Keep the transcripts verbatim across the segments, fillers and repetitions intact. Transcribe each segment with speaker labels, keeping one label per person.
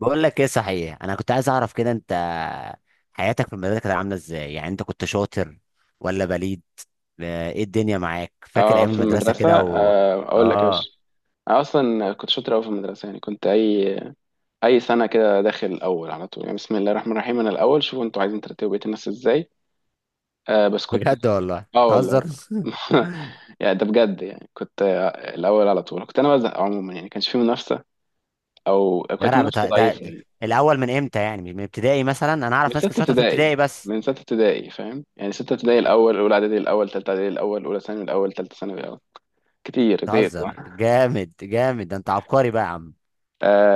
Speaker 1: بقول لك ايه؟ صحيح انا كنت عايز اعرف كده انت حياتك في المدرسه كانت عامله ازاي؟ يعني انت كنت شاطر ولا بليد؟ آه، ايه الدنيا معاك؟ فاكر
Speaker 2: اه
Speaker 1: ايام
Speaker 2: في
Speaker 1: المدرسه
Speaker 2: المدرسة
Speaker 1: كده و
Speaker 2: آه، اقول لك يا
Speaker 1: اه
Speaker 2: باشا. انا اصلا كنت شاطر قوي في المدرسة، يعني كنت اي اي سنة كده داخل الاول على طول. يعني بسم الله الرحمن الرحيم، انا الاول، شوفوا انتوا عايزين ترتبوا بقية الناس ازاي. آه بس كنت،
Speaker 1: بجد والله
Speaker 2: اه والله.
Speaker 1: تهزر.
Speaker 2: يعني ده بجد، يعني كنت، آه، الاول على طول، كنت انا بزهق عموما. يعني كانش في منافسة او
Speaker 1: يا
Speaker 2: كانت
Speaker 1: رب،
Speaker 2: منافسة
Speaker 1: ده, ده
Speaker 2: ضعيفة يعني.
Speaker 1: الاول من امتى؟ يعني من ابتدائي مثلا، انا
Speaker 2: من
Speaker 1: اعرف
Speaker 2: ستة
Speaker 1: ناس كانت شاطره في
Speaker 2: ابتدائي،
Speaker 1: ابتدائي بس.
Speaker 2: من ستة ابتدائي. فاهم؟ يعني ستة ابتدائي الاول، اولى اعدادي الاول، تالتة اعدادي الاول، اولى ثانوي الاول، تالتة ثانوي الاول. كتير زهقت.
Speaker 1: تهزر جامد جامد، ده انت عبقري بقى يا عم.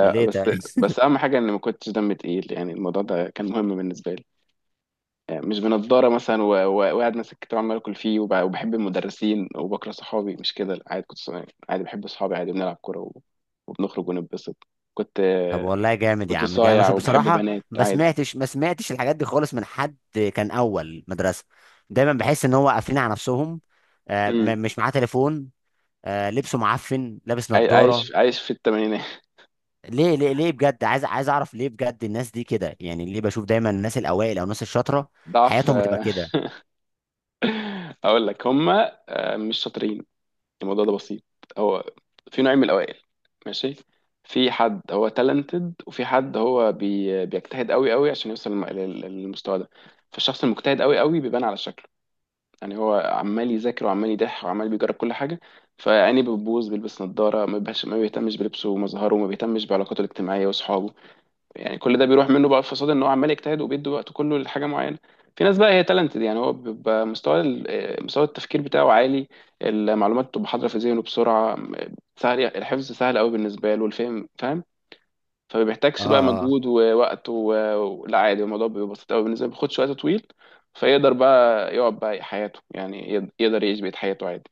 Speaker 1: امال ايه ده؟
Speaker 2: بس بس اهم حاجه اني ما كنتش دمي تقيل، يعني الموضوع ده كان مهم بالنسبه لي. يعني مش بنضاره مثلا و- و- وقاعد ماسك كتاب عمال اكل فيه، وب- وبحب المدرسين وبكره صحابي، مش كده، لا، عادي كنت صايع. عادي بحب صحابي، عادي بنلعب كوره و- وبنخرج ونتبسط. كنت
Speaker 1: طب
Speaker 2: آه،
Speaker 1: والله جامد يا
Speaker 2: كنت
Speaker 1: عم، جامد،
Speaker 2: صايع
Speaker 1: شوف
Speaker 2: وبحب
Speaker 1: بصراحة.
Speaker 2: بنات
Speaker 1: ما
Speaker 2: عادي.
Speaker 1: سمعتش ما سمعتش الحاجات دي خالص من حد. كان أول مدرسة، دايما بحس إن هو قافلين على نفسهم. آه
Speaker 2: امم.
Speaker 1: م- مش معاه تليفون. آه لبسه معفن، لابس
Speaker 2: عاي-
Speaker 1: نظارة.
Speaker 2: عايش عايش في الثمانينات.
Speaker 1: ليه ليه ليه بجد؟ عايز عايز أعرف ليه بجد الناس دي كده، يعني ليه بشوف دايما الناس الأوائل أو الناس الشاطرة
Speaker 2: ضعف،
Speaker 1: حياتهم بتبقى
Speaker 2: آه،
Speaker 1: كده؟
Speaker 2: اقول لك هما، آه، مش شاطرين. الموضوع ده بسيط، هو في نوعين من الاوائل. ماشي. في حد هو تالنتد، وفي حد هو بي... بيجتهد قوي قوي عشان يوصل للم- لل- للمستوى ده. فالشخص المجتهد قوي قوي بيبان على شكله. يعني هو عمال يذاكر، وعمال يضح، وعمال بيجرب كل حاجه. فعيني بتبوظ، بيلبس نظاره، ما بيبهاش- ما بيهتمش بلبسه ومظهره، وما بيهتمش بعلاقاته الاجتماعيه واصحابه. يعني كل ده بيروح منه، بقى في فساد ان هو عمال يجتهد وبيدي وقته كله لحاجه معينه. في ناس بقى هي تالنتد، يعني هو بيبقى مستوى ال- آه، مستوى التفكير بتاعه عالي. المعلومات بتبقى حاضره في ذهنه بسرعه. سهل يعني، الحفظ سهل قوي بالنسبه له، والفهم فاهم. فما بيحتاجش بقى
Speaker 1: اه.
Speaker 2: مجهود ووقت و... و- لا عادي، الموضوع بيبقى بسيط قوي بالنسبه له، ما بياخدش وقت طويل. فيقدر بقى يقعد بقى حياته، يعني يقد- يقدر يعيش بقية حياته عادي.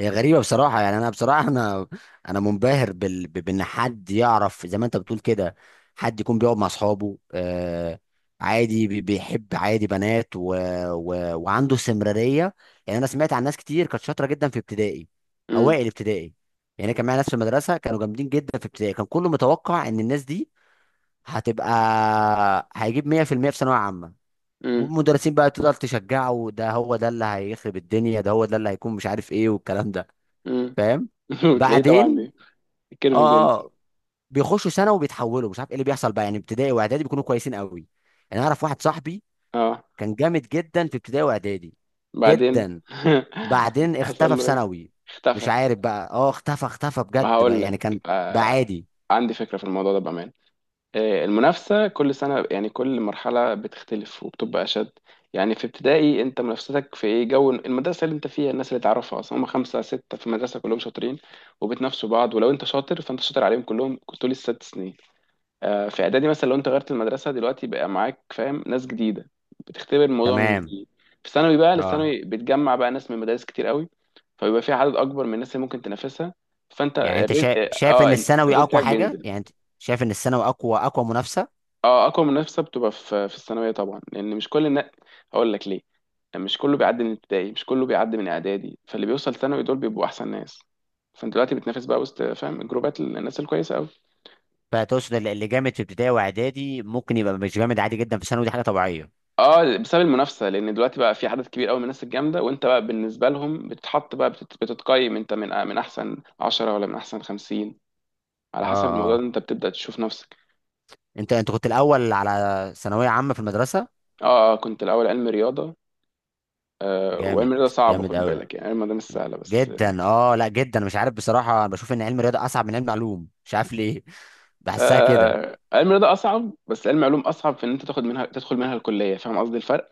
Speaker 1: هي غريبة بصراحة، يعني أنا بصراحة أنا أنا منبهر بال... ب- بإن حد يعرف زي ما أنت بتقول كده. حد يكون بيقعد مع أصحابه، آه عادي بي- بيحب عادي بنات و... و... وعنده استمرارية. يعني أنا سمعت عن ناس كتير كانت شاطرة جدا في ابتدائي،
Speaker 2: امم.
Speaker 1: أوائل ابتدائي. يعني كان معايا ناس في المدرسة كانوا جامدين جدا في ابتدائي، كان كله متوقع إن الناس دي هتبقى، هيجيب مية في المية في المية في ثانوية عامة.
Speaker 2: امم.
Speaker 1: والمدرسين بقى تفضل تشجعه: ده هو ده اللي هيخرب الدنيا، ده هو ده اللي هيكون مش عارف إيه، والكلام ده.
Speaker 2: امم.
Speaker 1: فاهم؟
Speaker 2: وتلاقيه طبعا
Speaker 1: بعدين،
Speaker 2: بي... الكيرف
Speaker 1: اه
Speaker 2: بينزل.
Speaker 1: اه، بيخشوا سنه وبيتحولوا، مش عارف ايه اللي بيحصل بقى، يعني ابتدائي واعدادي بيكونوا كويسين قوي. يعني اعرف واحد صاحبي،
Speaker 2: اه.
Speaker 1: كان جامد جدا في ابتدائي واعدادي،
Speaker 2: بعدين.
Speaker 1: جدا. بعدين
Speaker 2: حصل
Speaker 1: اختفى في
Speaker 2: له ايه؟
Speaker 1: ثانوي. مش
Speaker 2: اختفى.
Speaker 1: عارف بقى، اه اختفى اختفى
Speaker 2: ما
Speaker 1: بجد بقى،
Speaker 2: هقول لك.
Speaker 1: يعني كان، بقى
Speaker 2: آه،
Speaker 1: عادي.
Speaker 2: عندي فكرة في الموضوع ده بأمان. آه، المنافسة كل سنة، يعني كل مرحلة بتختلف وبتبقى أشد. يعني في ابتدائي، أنت منافستك في إيه؟ جو المدرسة اللي أنت فيها، الناس اللي تعرفها أصلا هم خمسة ستة في المدرسة كلهم شاطرين، وبتنافسوا بعض. ولو أنت شاطر، فأنت شاطر عليهم كلهم طول الست سنين. آه، في اعدادي مثلا، لو انت غيرت المدرسه دلوقتي، بقى معاك فاهم ناس جديده، بتختبر الموضوع من
Speaker 1: تمام.
Speaker 2: جديد. في ثانوي بقى،
Speaker 1: اه،
Speaker 2: الثانوي بتجمع بقى ناس من مدارس كتير قوي، فبيبقى في عدد اكبر من الناس اللي ممكن تنافسها. فانت
Speaker 1: يعني انت
Speaker 2: الريت،
Speaker 1: شايف شايف
Speaker 2: اه،
Speaker 1: ان الثانوي
Speaker 2: الريت
Speaker 1: اقوى
Speaker 2: بتاعك
Speaker 1: حاجه؟
Speaker 2: بينزل.
Speaker 1: يعني انت شايف ان الثانوي اقوى اقوى منافسه.
Speaker 2: اه، اقوى منافسه بتبقى في في الثانويه طبعا، لان مش كل الناس، هقول لك ليه، مش كله بيعدي من ابتدائي، مش كله بيعدي من اعدادي، فاللي بيوصل ثانوي دول بيبقوا احسن ناس. فانت دلوقتي بتنافس بقى وسط، فاهم، جروبات الناس الكويسه قوي.
Speaker 1: فتقصد اللي اللي جامد في ابتدائي واعدادي ممكن يبقى مش جامد، عادي جدا في ثانوي، دي حاجه طبيعيه.
Speaker 2: اه، بسبب المنافسه، لان دلوقتي بقى في عدد كبير قوي من الناس الجامده، وانت بقى بالنسبه لهم بتتحط بقى، بتت- بتتقيم انت من، آه، من احسن عشرة ولا من احسن خمسين. على
Speaker 1: اه
Speaker 2: حسب الموضوع
Speaker 1: اه.
Speaker 2: ده انت بتبدا تشوف نفسك.
Speaker 1: انت انت كنت الاول على ثانويه عامه في المدرسه؟
Speaker 2: اه، آه، كنت الاول علم رياضه. آه، وعلم
Speaker 1: جامد.
Speaker 2: رياضه صعب،
Speaker 1: جامد
Speaker 2: خد
Speaker 1: قوي.
Speaker 2: بالك، يعني علم رياضه مش سهله بس.
Speaker 1: جدا، اه لا جدا، مش عارف بصراحه، انا بشوف ان علم الرياضه اصعب من علم علوم، مش عارف ليه. بحسها كده.
Speaker 2: آه، علم رياضه اصعب، بس علم علوم اصعب في ان انت تاخد منها، تدخل منها الكليه. فاهم قصدي الفرق؟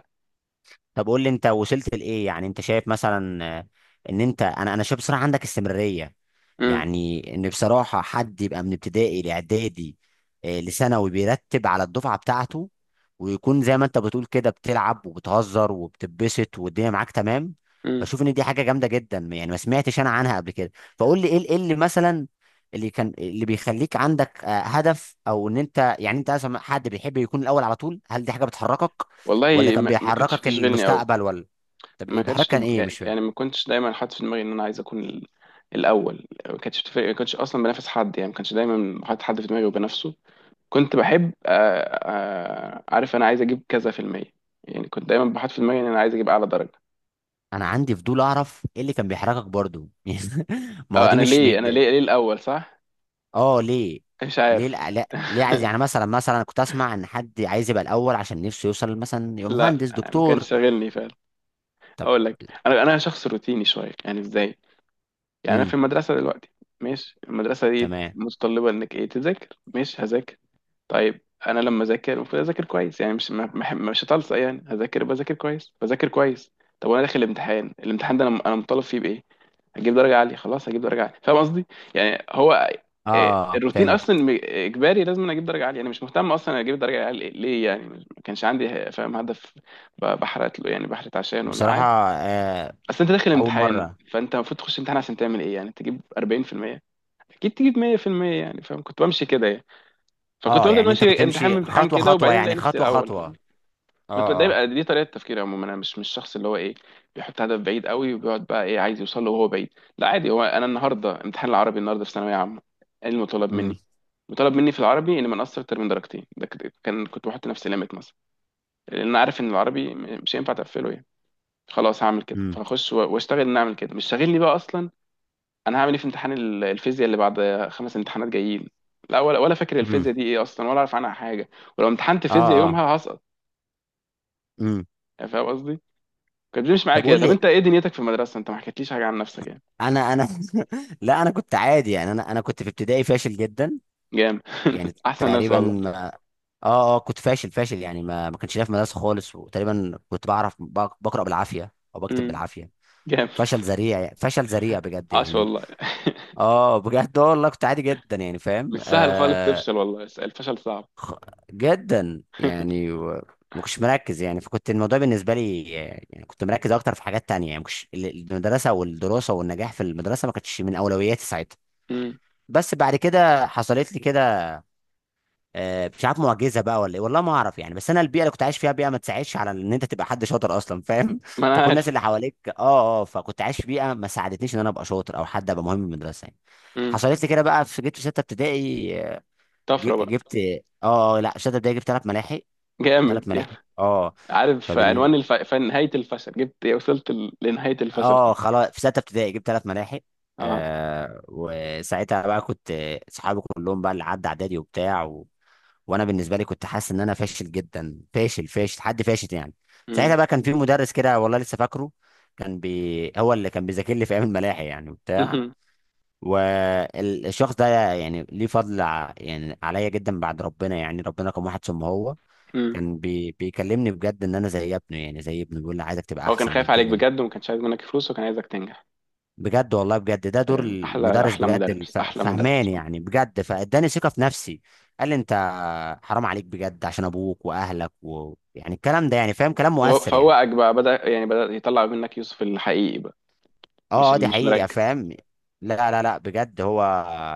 Speaker 1: طب قول لي انت وصلت لايه؟ يعني انت شايف مثلا، آه، ان انت، انا انا شايف بصراحه عندك استمراريه.
Speaker 2: امم.
Speaker 1: يعني ان بصراحه حد يبقى من ابتدائي لاعدادي، آه، لثانوي، بيرتب على الدفعه بتاعته، ويكون زي ما انت بتقول كده، بتلعب وبتهزر وبتبسط والدنيا معاك تمام.
Speaker 2: امم.
Speaker 1: بشوف ان دي حاجه جامده جدا، يعني ما سمعتش انا عنها قبل كده. فقول لي ايه ال- ايه اللي مثلا اللي كان اللي بيخليك عندك آه، هدف؟ او ان انت، يعني انت اصلا حد بيحب يكون الاول على طول؟ هل دي حاجه بتحركك، ولا
Speaker 2: والله
Speaker 1: كان
Speaker 2: ما ما كانتش
Speaker 1: بيحركك
Speaker 2: بتشغلني قوي.
Speaker 1: المستقبل، ولا؟ طب
Speaker 2: ما
Speaker 1: ايه
Speaker 2: كانتش
Speaker 1: بيحركك؟ كان
Speaker 2: تب...
Speaker 1: ايه؟ مش فاهم.
Speaker 2: يعني ما كنتش دايما حاطط في دماغي ان انا عايز اكون ال- الاول. ما كانتش بتفرق، ما كنتش اصلا بنافس حد، يعني ما كانش دايما حاطط حد في دماغي وبنافسه. كنت بحب آه، آه، عارف انا عايز اجيب كذا في المية. يعني كنت دايما بحط في دماغي ان انا عايز اجيب اعلى درجة.
Speaker 1: انا عندي فضول اعرف ايه اللي كان بيحركك برضو. يعني ما هو
Speaker 2: اه،
Speaker 1: دي
Speaker 2: انا
Speaker 1: مش م...
Speaker 2: ليه انا
Speaker 1: ده- ده-
Speaker 2: ليه ليه الاول صح؟
Speaker 1: اه ليه.
Speaker 2: مش
Speaker 1: ليه؟
Speaker 2: عارف.
Speaker 1: لا، لا، ليه عايز؟ يعني مثلا مثلا أنا كنت اسمع ان حد عايز يبقى الاول عشان نفسه يوصل مثلا يبقى
Speaker 2: لا،
Speaker 1: مهندس
Speaker 2: ما
Speaker 1: دكتور.
Speaker 2: كانش شاغلني فعلا.
Speaker 1: طب.
Speaker 2: اقول لك، انا انا شخص روتيني شويه. يعني ازاي؟ يعني انا في
Speaker 1: امم.
Speaker 2: المدرسه دلوقتي، ماشي، المدرسه دي
Speaker 1: تمام.
Speaker 2: متطلبه انك ايه، تذاكر، ماشي هذاكر. طيب، انا لما اذاكر المفروض اذاكر كويس، يعني مش ما- ما- مش هتلصق، يعني هذاكر، بذاكر كويس، بذاكر كويس. طب وانا داخل الامتحان، الامتحان ده انا انا مطالب فيه بايه؟ هجيب درجه عاليه، خلاص هجيب درجه عاليه، فاهم قصدي؟ يعني هو، إيه،
Speaker 1: اه
Speaker 2: الروتين
Speaker 1: فهمت.
Speaker 2: اصلا م- اجباري، لازم أنا اجيب درجه عاليه. انا مش مهتم اصلا اجيب درجه عاليه ليه، يعني ما كانش عندي فاهم هدف، ب- بحرت له، يعني بحرت عشانه،
Speaker 1: بصراحة.
Speaker 2: لا.
Speaker 1: آه.
Speaker 2: اصل انت داخل
Speaker 1: اول
Speaker 2: امتحان،
Speaker 1: مرة.
Speaker 2: فانت المفروض تخش امتحان عشان تعمل ايه، يعني تجيب اربعين في المية؟ اكيد تجيب مية في المية، يعني فاهم، كنت بمشي كده يعني. فكنت
Speaker 1: اه،
Speaker 2: بفضل
Speaker 1: يعني انت كنت
Speaker 2: ماشي امتحان
Speaker 1: تمشي
Speaker 2: بامتحان
Speaker 1: خطوة
Speaker 2: كده،
Speaker 1: خطوة،
Speaker 2: وبعدين
Speaker 1: يعني
Speaker 2: الاقي نفسي
Speaker 1: خطوة
Speaker 2: الاول،
Speaker 1: خطوة.
Speaker 2: فاهم؟ كنت
Speaker 1: اه اه.
Speaker 2: دايما، دي طريقه تفكيري عموما. انا مش مش الشخص اللي هو ايه، بيحط هدف بعيد قوي وبيقعد بقى ايه، عايز يوصل له وهو بعيد. لا عادي، هو انا النهارده امتحان العربي، النهارده في ثانويه عامه، ايه المطالب
Speaker 1: امم.
Speaker 2: مني؟ مطالب مني في العربي اني ما نقصر اكتر من درجتين. ده كده- كان كنت بحط نفسي ليميت مثلا، لان انا عارف ان العربي م- مش هينفع تقفله يعني، خلاص هعمل كده.
Speaker 1: امم.
Speaker 2: فاخش و- واشتغل ان اعمل كده، مش شاغلني بقى اصلا. انا هعمل ايه في امتحان ال- الفيزياء اللي بعد؟ خمس امتحانات جايين. لا ولا ولا فاكر
Speaker 1: امم.
Speaker 2: الفيزياء دي ايه اصلا، ولا اعرف عنها حاجه. ولو امتحنت
Speaker 1: اه
Speaker 2: فيزياء
Speaker 1: اه.
Speaker 2: يومها هسقط.
Speaker 1: امم.
Speaker 2: يعني فاهم قصدي؟ كانت بتمشي معايا
Speaker 1: طب
Speaker 2: كده.
Speaker 1: قول
Speaker 2: طب
Speaker 1: لي.
Speaker 2: انت ايه دنيتك في المدرسه؟ انت ما حكيتليش حاجه عن نفسك يعني.
Speaker 1: انا انا لا، انا كنت عادي يعني، انا انا كنت في ابتدائي فاشل جدا.
Speaker 2: جامد.
Speaker 1: يعني
Speaker 2: احسن ناس
Speaker 1: تقريبا
Speaker 2: والله.
Speaker 1: ما... اه اه كنت فاشل فاشل، يعني ما ما كنتش ليا في مدرسه خالص، وتقريبا كنت بعرف بق- بقرا بالعافيه او بكتب
Speaker 2: امم.
Speaker 1: بالعافيه.
Speaker 2: جامد.
Speaker 1: فشل ذريع يعني. فشل ذريع بجد
Speaker 2: عاش
Speaker 1: يعني.
Speaker 2: والله.
Speaker 1: اه بجد، آه والله كنت عادي جدا يعني،
Speaker 2: مش
Speaker 1: فاهم،
Speaker 2: سهل خالص
Speaker 1: آه
Speaker 2: تفشل، والله الفشل صعب.
Speaker 1: خ... جدا يعني و... ما كنتش مركز يعني، فكنت الموضوع بالنسبه لي يعني كنت مركز اكتر في حاجات تانية، يعني مش المدرسه والدراسه والنجاح في المدرسه ما كانتش من اولوياتي ساعتها.
Speaker 2: امم.
Speaker 1: بس بعد كده حصلت لي كده، آه، مش عارف معجزه بقى ولا ايه، والله ما اعرف يعني، بس انا البيئه اللي كنت عايش فيها بيئه ما تساعدش على ان انت تبقى حد شاطر اصلا، فاهم؟
Speaker 2: ما
Speaker 1: انت
Speaker 2: انا
Speaker 1: كل
Speaker 2: عارف.
Speaker 1: الناس اللي حواليك اه اه، فكنت عايش في بيئه ما ساعدتنيش ان انا ابقى شاطر او حد ابقى مهم في المدرسه يعني.
Speaker 2: امم.
Speaker 1: حصلت لي كده بقى، في جبت في سته ابتدائي، آه،
Speaker 2: طفره
Speaker 1: ج-
Speaker 2: بقى.
Speaker 1: جبت، اه، آه، لا، سته ابتدائي جبت ثلاث ملاحق. ثلاث
Speaker 2: جامد
Speaker 1: ملاحق.
Speaker 2: يعني.
Speaker 1: اه
Speaker 2: عارف
Speaker 1: فبن.
Speaker 2: عنوان الف... فن- نهايه الفشل؟ جبت إيه؟ وصلت ل- لنهايه الفشل.
Speaker 1: اه خلاص، في ستة ابتدائي جبت ثلاث ملاحق.
Speaker 2: اه.
Speaker 1: آه، وساعتها بقى كنت، آه، صحابي كلهم بقى اللي عدى اعدادي وبتاع و... وانا بالنسبه لي كنت حاسس ان انا فاشل جدا، فاشل فاشل، حد فاشل يعني.
Speaker 2: امم.
Speaker 1: ساعتها بقى كان في مدرس كده، والله لسه فاكره، كان بي هو اللي كان بيذاكر لي في ايام الملاحق يعني وبتاع، والشخص ده يعني ليه فضل ع- يعني عليا جدا، بعد ربنا يعني، ربنا كان واحد ثم هو. كان بي... بيكلمني بجد ان انا زي ابنه، يعني زي ابنه، بيقول لي عايزك تبقى
Speaker 2: هو كان
Speaker 1: احسن من
Speaker 2: خايف عليك
Speaker 1: كده.
Speaker 2: بجد، وما كانش عايز منك فلوس، وكان عايزك تنجح.
Speaker 1: بجد والله، بجد ده دور
Speaker 2: سلام، احلى
Speaker 1: المدرس
Speaker 2: احلى
Speaker 1: بجد
Speaker 2: مدرس،
Speaker 1: الف-
Speaker 2: احلى مدرس.
Speaker 1: فهمان يعني، بجد فاداني ثقه في نفسي. قال لي: انت حرام عليك بجد، عشان ابوك واهلك، ويعني الكلام ده يعني، فاهم؟ كلام
Speaker 2: هو
Speaker 1: مؤثر يعني.
Speaker 2: فوقك بقى، بدأ يعني بدأ يطلع منك يوسف الحقيقي بقى، مش
Speaker 1: اه اه،
Speaker 2: اللي
Speaker 1: دي
Speaker 2: مش
Speaker 1: حقيقه،
Speaker 2: مركز.
Speaker 1: فاهم. لا لا لا بجد هو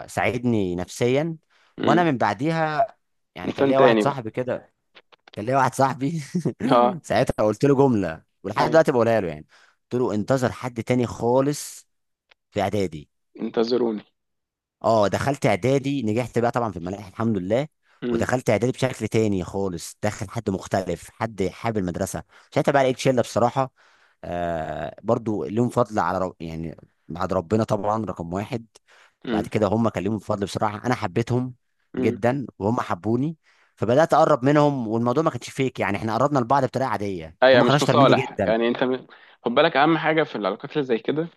Speaker 1: ساعدني نفسيا. وانا
Speaker 2: امم.
Speaker 1: من بعديها، يعني كان
Speaker 2: انسان
Speaker 1: ليا واحد
Speaker 2: تاني بقى.
Speaker 1: صاحبي كده، كان ليا واحد صاحبي،
Speaker 2: اه.
Speaker 1: ساعتها قلت له جمله ولحد
Speaker 2: اي.
Speaker 1: دلوقتي بقولها له يعني. قلت له: انتظر حد تاني خالص في اعدادي.
Speaker 2: انتظروني.
Speaker 1: اه، دخلت اعدادي نجحت بقى طبعا في الملاحه، الحمد لله.
Speaker 2: امم.
Speaker 1: ودخلت اعدادي بشكل تاني خالص، دخل حد مختلف، حد حابب المدرسه. ساعتها بقى لقيت شله بصراحه، آه برضو ليهم فضل على رب يعني، بعد ربنا طبعا رقم واحد. بعد كده هم كان ليهم فضل بصراحه، انا حبيتهم
Speaker 2: امم.
Speaker 1: جدا وهم حبوني. فبدات اقرب منهم، والموضوع ما كانش فيك يعني، احنا قربنا لبعض بطريقه عاديه،
Speaker 2: ايوه،
Speaker 1: هم كانوا
Speaker 2: مش
Speaker 1: اشطر مني
Speaker 2: مصالح،
Speaker 1: جدا.
Speaker 2: يعني انت م- خد بالك، اهم حاجه في العلاقات اللي زي كده،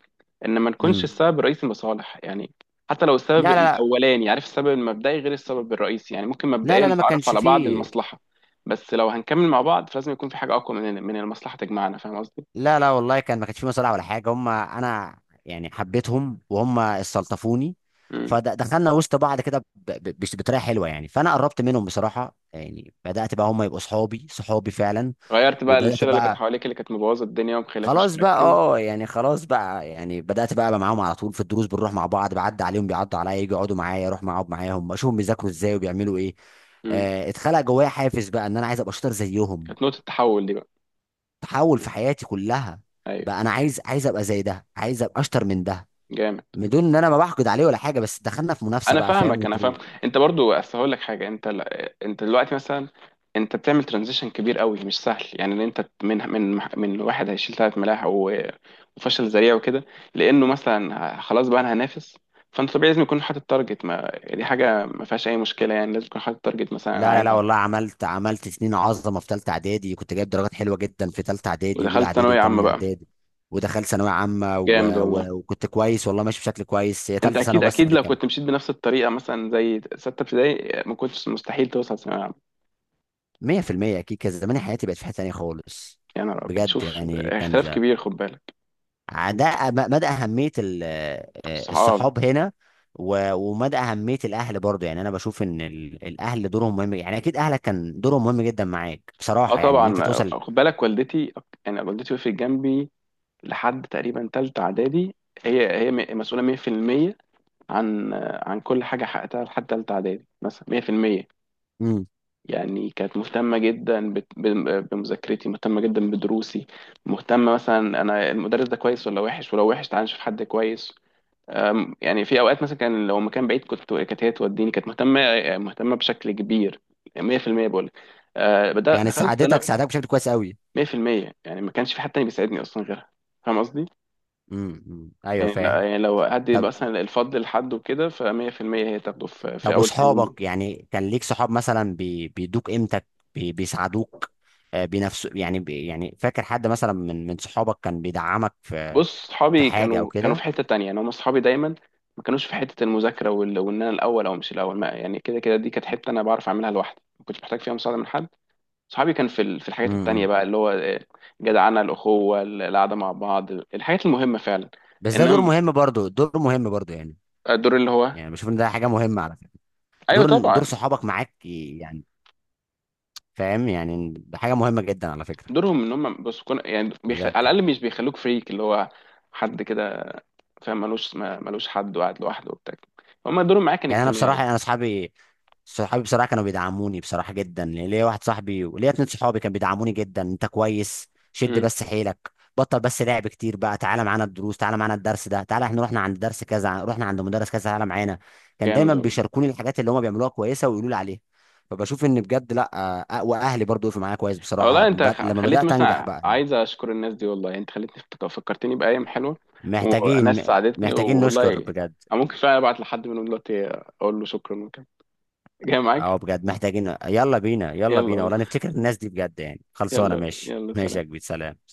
Speaker 2: ان ما نكونش
Speaker 1: امم.
Speaker 2: السبب الرئيسي مصالح يعني. حتى لو السبب
Speaker 1: لا لا
Speaker 2: الاولاني، عارف، السبب المبدئي غير السبب الرئيسي، يعني ممكن
Speaker 1: لا لا
Speaker 2: مبدئيا
Speaker 1: لا لا، ما
Speaker 2: نتعرف
Speaker 1: كانش
Speaker 2: على بعض
Speaker 1: فيه.
Speaker 2: المصلحه. بس لو هنكمل مع بعض، فلازم يكون في حاجه اقوى من من المصلحه تجمعنا، فاهم قصدي؟
Speaker 1: لا لا والله، كان ما كانش في مصالح ولا حاجه، هم انا يعني حبيتهم وهم استلطفوني.
Speaker 2: امم.
Speaker 1: فدخلنا وسط بعض كده، ب- ب- بش- بطريقه حلوه يعني، فانا قربت منهم بصراحه يعني، بدات بقى هم يبقوا صحابي، صحابي فعلا.
Speaker 2: غيرت بقى
Speaker 1: وبدات
Speaker 2: الشله اللي كانت
Speaker 1: بقى،
Speaker 2: حواليك، اللي كانت مبوظه الدنيا ومخليك مش
Speaker 1: خلاص بقى،
Speaker 2: مركز.
Speaker 1: اه يعني خلاص بقى، يعني بدات بقى ابقى معاهم على طول في الدروس، بنروح مع بعض، بعدي عليهم، بيعدوا عليا، يجوا يقعدوا معايا، اروح معاهم معاهم اشوفهم بيذاكروا ازاي وبيعملوا ايه.
Speaker 2: امم.
Speaker 1: آه، اتخلق جوايا حافز بقى ان انا عايز ابقى شاطر زيهم.
Speaker 2: كانت نقطه التحول دي بقى.
Speaker 1: تحول في حياتي كلها.
Speaker 2: ايوه.
Speaker 1: بقى انا عايز عايز ابقى زي ده، عايز ابقى اشطر من ده.
Speaker 2: جامد.
Speaker 1: بدون ان انا ما بحقد عليه ولا حاجه، بس دخلنا في منافسه
Speaker 2: انا
Speaker 1: بقى فاهم،
Speaker 2: فاهمك، انا فاهم.
Speaker 1: وظروف.
Speaker 2: انت برضو اصل هقول لك حاجه، انت ل... انت دلوقتي مثلا، انت بتعمل ترانزيشن كبير قوي، مش سهل يعني. ان انت من من من واحد هيشيل ثلاث ملاحق و- وفشل ذريع وكده، لانه مثلا ه- خلاص بقى انا هنافس. فانت طبيعي لازم يكون حاطط تارجت، ما دي حاجه ما فيهاش اي مشكله، يعني لازم يكون حاطط تارجت، مثلا انا
Speaker 1: لا لا
Speaker 2: عايز
Speaker 1: لا
Speaker 2: اعمل.
Speaker 1: والله، عملت عملت سنين عظمه في ثالثه اعدادي، كنت جايب درجات حلوه جدا في ثالثه اعدادي واولى
Speaker 2: ودخلت
Speaker 1: اعدادي
Speaker 2: ثانويه عامه
Speaker 1: وثانيه
Speaker 2: بقى.
Speaker 1: اعدادي. ودخلت ثانويه عامه و...
Speaker 2: جامد والله.
Speaker 1: و... وكنت كويس والله، ماشي بشكل كويس، هي
Speaker 2: انت
Speaker 1: ثالثه
Speaker 2: اكيد،
Speaker 1: ثانوي بس
Speaker 2: اكيد
Speaker 1: اللي
Speaker 2: لو
Speaker 1: كان.
Speaker 2: كنت مشيت بنفس الطريقه مثلا زي سته ابتدائي، ما كنتش، مستحيل توصل ثانويه عامه.
Speaker 1: مية في المية اكيد، كان زمان حياتي بقت في حته ثانيه خالص.
Speaker 2: يا نهار ابيض،
Speaker 1: بجد
Speaker 2: شوف
Speaker 1: يعني كان،
Speaker 2: اختلاف كبير، خد بالك.
Speaker 1: ده ب- مدى اهميه ال- آه،
Speaker 2: الصحاب.
Speaker 1: الصحاب هنا، و- ومدى اهميه الاهل برضه. يعني انا بشوف ان ال- الاهل دورهم مهم يعني، اكيد اهلك كان دورهم مهم جدا معاك
Speaker 2: اه
Speaker 1: بصراحه يعني ان انت
Speaker 2: طبعا،
Speaker 1: توصل.
Speaker 2: خد بالك، والدتي، يعني والدتي وقفت جنبي لحد تقريبا تالتة اعدادي. هي هي م- مسؤوله مية في المية عن، عن كل حاجه حققتها لحد تالتة اعدادي، مثلا مية في المية.
Speaker 1: امم.
Speaker 2: يعني كانت مهتمه جدا بت- ب- بمذاكرتي، مهتمه جدا بدروسي، مهتمه مثلا، انا المدرس ده كويس ولا وحش، ولو وحش تعالى نشوف حد كويس. أم، يعني في اوقات مثلا كان لو مكان بعيد كنت، كانت هي توديني، كانت مهتمه، مهتمه بشكل كبير، مية في المية بقول لك. آه، بدأ-
Speaker 1: يعني
Speaker 2: دخلت
Speaker 1: ساعدتك
Speaker 2: ثانوي.
Speaker 1: ساعدتك بشكل كويس قوي.
Speaker 2: مية في المية، يعني ما كانش في حد تاني بيساعدني اصلا غيرها، فاهم قصدي؟
Speaker 1: امم ايوه
Speaker 2: يعني لا،
Speaker 1: فاهم.
Speaker 2: يعني لو حد يبقى
Speaker 1: طب.
Speaker 2: مثلا الفضل لحد وكده، ف100% هي تاخده في, في
Speaker 1: طب
Speaker 2: اول السنين دي.
Speaker 1: واصحابك يعني، كان ليك صحاب مثلا بي- بيدوك قيمتك، بي- بيساعدوك؟ آه، بنفسه يعني، بي- يعني فاكر حد مثلا من من صحابك كان بيدعمك في
Speaker 2: بص
Speaker 1: في
Speaker 2: صحابي
Speaker 1: حاجه او
Speaker 2: كانوا كانوا
Speaker 1: كده؟
Speaker 2: في حتة تانية، يعني هم صحابي دايما، ما كانوش في حتة المذاكرة وال... وان انا الاول او مش الاول، ما يعني كده كده، دي كانت حتة انا بعرف اعملها لوحدي، ما كنتش محتاج فيها مساعدة من حد. صحابي كان في ال... في الحاجات التانية
Speaker 1: امم.
Speaker 2: بقى، اللي هو جدعنة، الاخوة، القعدة مع بعض، الحاجات المهمة فعلا.
Speaker 1: بس ده دور
Speaker 2: انما
Speaker 1: مهم برضه، دور مهم برضه يعني،
Speaker 2: الدور اللي هو،
Speaker 1: يعني بشوف ان ده حاجه مهمه على فكره،
Speaker 2: ايوه
Speaker 1: دور
Speaker 2: طبعا،
Speaker 1: دور صحابك معاك ي- يعني، فاهم يعني، ده حاجه مهمه جدا على فكره،
Speaker 2: دورهم ان هم بس كون، يعني بيخ...
Speaker 1: بجد
Speaker 2: على الاقل
Speaker 1: يعني.
Speaker 2: مش بيخلوك فريك، اللي هو حد كده، فاهم ملوش، ما- ملوش حد وقاعد لوحده وبتاع. هم دورهم معاك كان
Speaker 1: يعني انا بصراحه،
Speaker 2: اجتماعي.
Speaker 1: يعني انا اصحابي، صحابي بصراحه كانوا بيدعموني بصراحه جدا يعني، ليا واحد صاحبي وليا اتنين صحابي كانوا بيدعموني جدا: انت كويس، شد
Speaker 2: امم.
Speaker 1: بس حيلك، بطل بس لعب كتير بقى، تعالى معانا الدروس، تعالى معانا الدرس ده، تعالى، احنا رحنا عند درس كذا، رحنا عند مدرس كذا، تعالى معانا. كان
Speaker 2: جامد
Speaker 1: دايما
Speaker 2: والله.
Speaker 1: بيشاركوني الحاجات اللي هم بيعملوها كويسه ويقولوا لي عليها. فبشوف ان بجد لا، آه، واهلي برضو وقفوا معايا كويس
Speaker 2: آه والله،
Speaker 1: بصراحه
Speaker 2: انت
Speaker 1: بعد-
Speaker 2: خ-
Speaker 1: لما
Speaker 2: خليت
Speaker 1: بدات انجح
Speaker 2: مثلا،
Speaker 1: بقى يعني.
Speaker 2: عايز اشكر الناس دي والله، يعني انت خليتني افتك- فكرتني بايام حلوه وناس
Speaker 1: محتاجين
Speaker 2: ساعدتني
Speaker 1: محتاجين
Speaker 2: والله.
Speaker 1: نشكر بجد.
Speaker 2: أنا ممكن فعلا ابعت لحد منهم دلوقتي اقول له شكرا وكده. جاي
Speaker 1: اه
Speaker 2: معاك.
Speaker 1: بجد محتاجين، يلا بينا، يلا
Speaker 2: يلا
Speaker 1: بينا والله،
Speaker 2: والله.
Speaker 1: نفتكر الناس دي بجد يعني. خلصانه.
Speaker 2: يلا
Speaker 1: ماشي،
Speaker 2: يلا
Speaker 1: ماشي
Speaker 2: سلام.
Speaker 1: يا كبير، سلام.